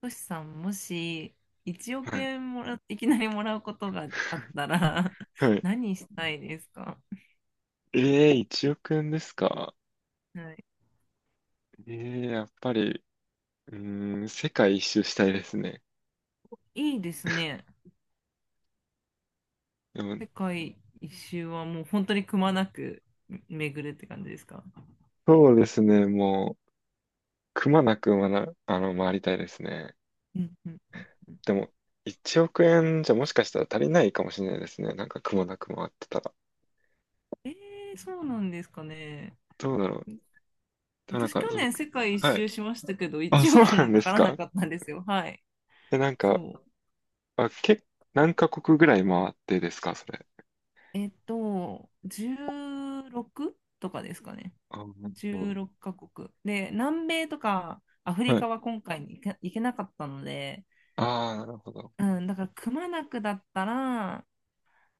トシさん、もし1億はい。円いきなりもらうことがあったら はい。何したいですか？ええ、1億円ですか？はい。ええ、やっぱり、うーん、世界一周したいですね。いいですね。でも、世界一周はもう本当にくまなく巡るって感じですか？そうですね、もう、くまなくまな、あの、回りたいですね。うんうんうん。でも、1億円じゃもしかしたら足りないかもしれないですね。なんかくまなく回ってたら。えそうなんですかね。どうだろう。でもなん私去か、僕、年世界一はい。周しましたけど、あ、1そう億なもんかでかすらなか？かったんですよ。はい。え、なんか、そう。あ、け、何カ国ぐらい回ってですか、それ。16とかですかね。あ、なるほど。16カ国。で、南米とかアフリはカい。は今回に行けなかったので、ああ、なるほど。うん、だからくまなくだったら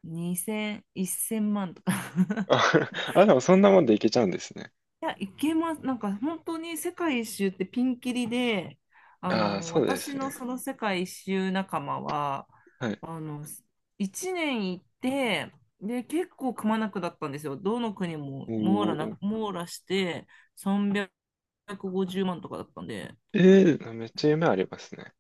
2000、1000万とか あ、あ、でもそんなもんでいけちゃうんですね。いや、行けます。なんか本当に世界一周ってピンキリで、ああ、そうで私すのね。その世界一周仲間は、はい。あの、1年行って、で、結構くまなくだったんですよ。どの国もおお。網羅して350万とかだったんで、ええー、めっちゃ夢ありますね。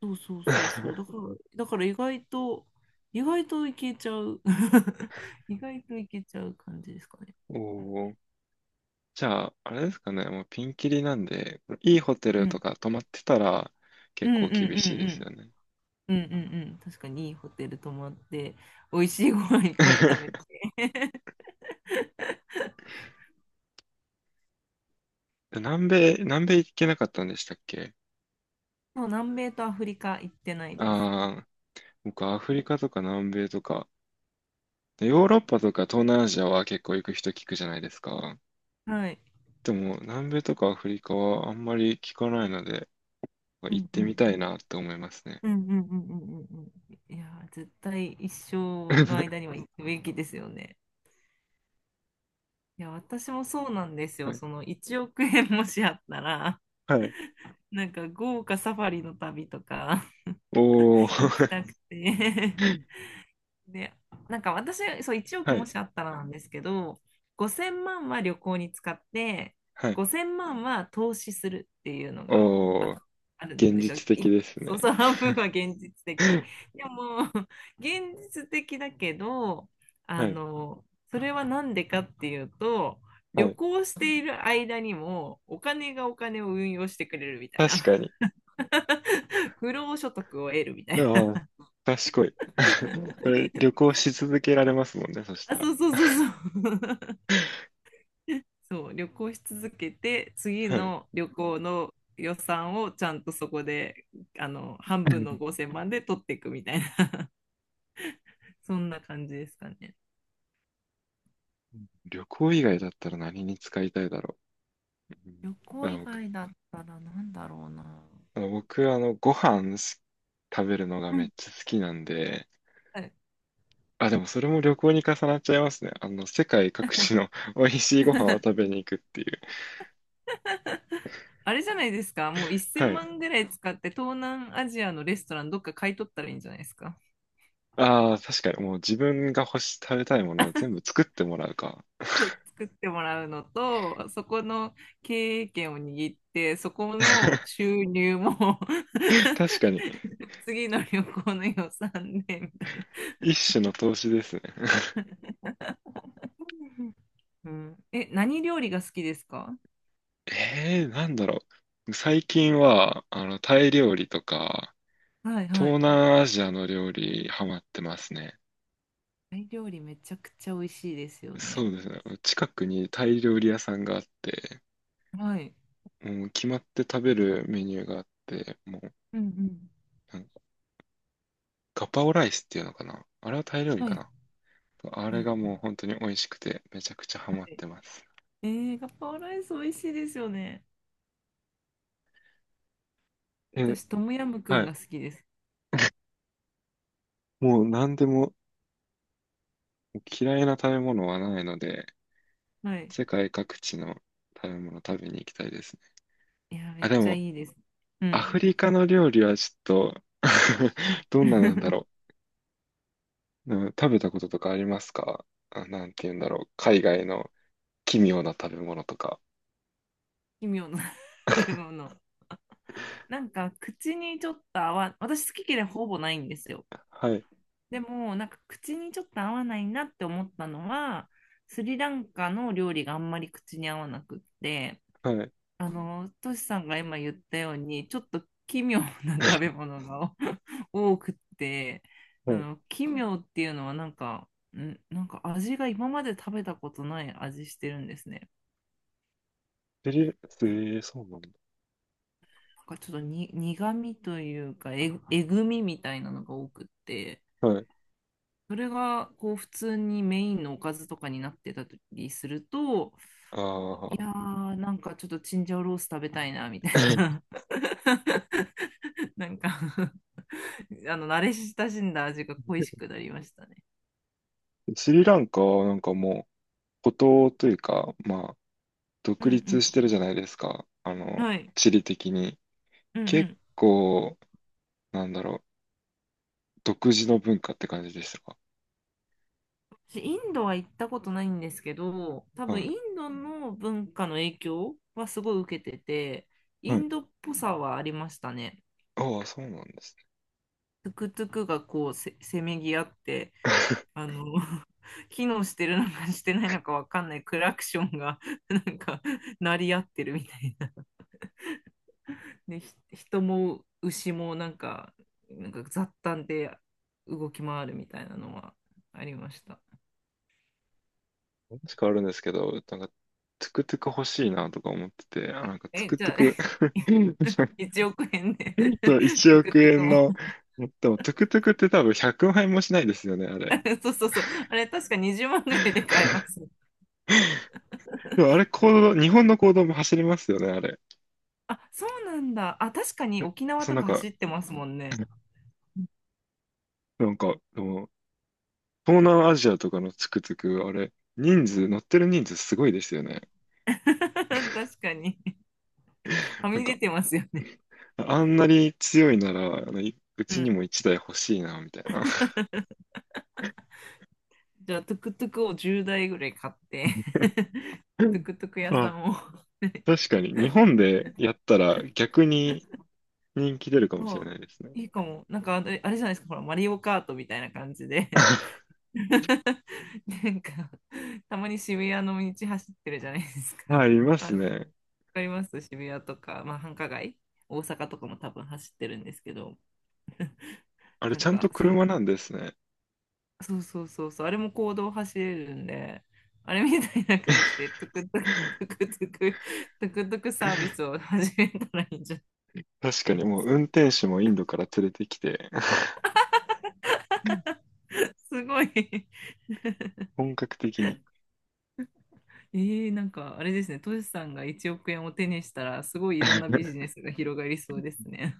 そうそうそうそう。だか ら、だから意外といけちゃう。意外といけちゃう感じですかね。おお。じゃあ、あれですかね。もうピンキリなんで、いいホテうルとん。か泊まってたらう結んう構ん厳うしいですんよね。うん。うんうんうん。確かにいいホテル泊まって、美味しいご飯いっぱい食べて。南米行けなかったんでしたっけ？もう南米とアフリカ行ってないです。ああー、僕アフリカとか南米とか、ヨーロッパとか東南アジアは結構行く人聞くじゃないですか。はい。でも南米とかアフリカはあんまり聞かないので、う行っんうてみん。たいなって思いますね。うんうんうんうんうんうん。いやー、絶対一生の 間には行くべきですよね。いや、私もそうなんですはよ。いその1億円もしあったら、はい。なんか豪華サファリの旅とか お 行きー。たくて で、なんか私、そう、1億はもい。しあったらなんですけど、5000万は旅行に使って、はい。5000万は投資するっていうのがおー。あ、あるん現ですよ。実的ですそうね。そう、半分は現実的。でも、現実的だけど、はあい。の、それは何でかっていうと、は旅い。行している間にもお金がお金を運用してくれるみたい確な。かに。不労所得を得るみたいああ、賢い。な。これ、旅行し続けられますもんね、そしたあ、ら。そうそうそうそう。そう、旅行し続けて、次はい。の旅行の予算をちゃんとそこで、半分の 5000万で取っていくみたいな、そんな感じですかね。旅行以外だったら何に使いたいだろう。うん。旅あ行以の、僕、外だったらなんだろうな。あの、僕あのご飯す食べるのがうめん。っちゃ好きなんで、はい。 あ、でもそれも旅行に重なっちゃいますね。世界各地の 美味しいご飯を食 べに行くっていう。あれじゃないですか、もうは1000い。万ぐらい使って東南アジアのレストランどっか買い取ったらいいんじゃないですか。ああ、確かに、もう自分が食べたいものを全部作ってもらうか。作ってもらうのと、そこの経営権を握って、そこの収入も 確かに、次の旅行の予算でみたいな、一種の投資ですね。うん。え、何料理が好きですか？ ええー、なんだろう。最近は、タイ料理とか、はいは東い。南アジアの料理、ハマってますね。タイ料理めちゃくちゃ美味しいですよね。そうですね。近くにタイ料理屋さんがあって、はい。もう決まって食べるメニューがあって、もう、うんうん。なんかガパオライスっていうのかな。あれはタイ料理はかい。な。あうんれがうもうん。本当に美味しくて、めちゃくちゃハはマっい。てます。えガパオライス美味しいですよね。え、私、トムヤムクはンい。が好きです。もう何でも嫌いな食べ物はないので、はい。世界各地の食べ物食べに行きたいですね。いや、めあ、っでちゃも、いいです。うアん。フリカの料理はちょっと うん どんななんだ ろう。うん。食べたこととかありますか？あ、なんて言うんだろう。海外の奇妙な食べ物とか。奇妙な もの。なんか口にちょっと私好き嫌いほぼないんですよ。はい、でもなんか口にちょっと合わないなって思ったのは、スリランカの料理があんまり口に合わなくって、はい。トシさんが今言ったように、ちょっと奇妙な食べ物が 多くって、うん。奇妙っていうのはなんか、味が今まで食べたことない味してるんですね。スリ、えー、そうなんだ。なんかちょっとに苦味というかえぐみみたいなのが多くって、はい。それがこう普通にメインのおかずとかになってたりすると、あいやあ。ー、なんかちょっとチンジャオロース食べたいなみたいな、なんか あの慣れ親しんだ味が恋しくなりましたね。スリランカはなんかもう、孤島というか、まあ、う独ん立うしてるじゃないですか。ん。はい。地理的に。うんう結ん。構、なんだろう、独自の文化って感じでしたか？私インドは行ったことないんですけど、多分はイい。ンドの文化の影響はすごい受けてて、イはい。ンドっぽさはありましたね。ああ、そうなんですね。トゥクトゥクがこうせめぎ合って、あ の 機能してるのかしてないのかわかんないクラクションが なんか鳴り合ってるみたいな。で、人も牛もなんか、雑談で動き回るみたいなのはありました。話変わるんですけど、なんか、トゥクトゥク欲しいなとか思ってて、あ、なんかトゥえ、クじトゥゃク あ、1億円で トゥそう、1ク億トゥク円の、も でもトゥクトゥクって多分100万円もしないですよね、あれ。そうそうそう。あれ、確か20万ぐらいで買えま す。でもあれ、公道、日本の公道も走りますよね、あれ。あ、そうなんだ。あ、確かに沖縄そう、となんかか、走ってますもんね。でも、東南アジアとかのトゥクトゥク、あれ、人数、乗ってる人数すごいですよね。確かに。はなんみ出か、てますよね。あんなに強いなら、あのいううちにん。も一台欲しいな、みたいな。じゃあ、トゥクトゥクを10台ぐらい買って トゥクトゥク 屋さあ、んを 確かに。日本でやったら逆に人気出るか もしれあ、ないですね。いいかも。なんかあれじゃないですか、ほら、マリオカートみたいな感じで なんか、たまに渋谷の道走ってるじゃないですか。あ、いまあ、すわね。かります。渋谷とか、まあ、繁華街、大阪とかも多分走ってるんですけど、あれ、なんちゃんとか、車なんですね。そうそうそうそう、あれも公道走れるんで、あれみたいな感じで、トゥクトゥク、トゥクトゥク、トゥクトゥクサービスを始めたらいいんじゃ確なかい に、もう運転手もインドから連れてきて、すごい 本格的に。えなんかあれですね、トシさんが1億円を手にしたら、すごいいろんなビジ ネスが広がりそうですね。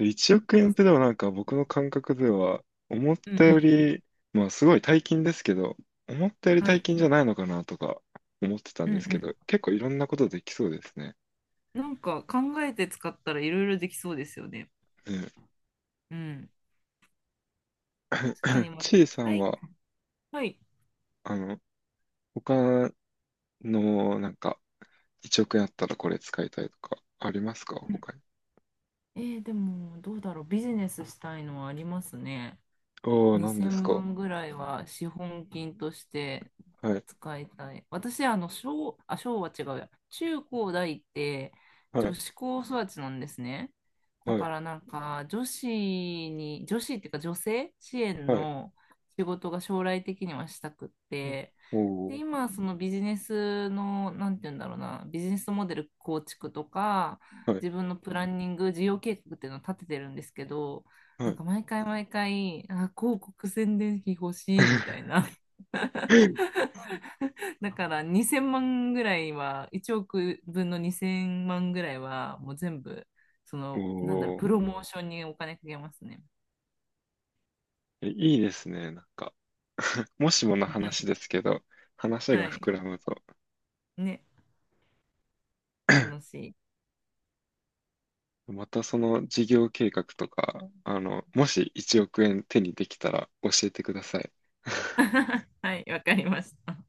1 億なん円っか、てでもなんか僕の感覚では思っうんうたよん、り、まあすごい大金ですけど、思ったよりは大い、金じゃないのかなとか思ってたんうんでうすけん。ど、結構いろんなことできそうですね。なんか考えて使ったらいろいろできそうですよね。うん。うん。確かに、まあ、ちいさはんい、は、はい。あの、他のなんか1億円あったらこれ使いたいとかありますかうん。他に？でも、どうだろう、ビジネスしたいのはありますね。ああ、何です2000か。万ぐらいは資本金としてはい、使いたい。私、小、あ、小は違うや。中高大っては女い、子高育ちなんですね。だはい、からなんか、女子に、女子っていうか女性支援はい。の仕事が将来的にはしたくっうん。て、おで、お、今、そのビジネスの、なんて言うんだろうな、ビジネスモデル構築とか、はい、自分のプランニング、事業計画っていうのを立ててるんですけど、はなんい。か毎回毎回、あ、広告宣伝費欲しいみたいな。だから2000万ぐらいは、1億分の2000万ぐらいは、もう全部、おなんだろう、お、プロモーションにお金かけますね。え、いいですね、なんか。もしもの話で すけど、話はがい。膨らむと、ね、楽しい。またその事業計画とか、もし1億円手にできたら教えてください。はい、わかりました。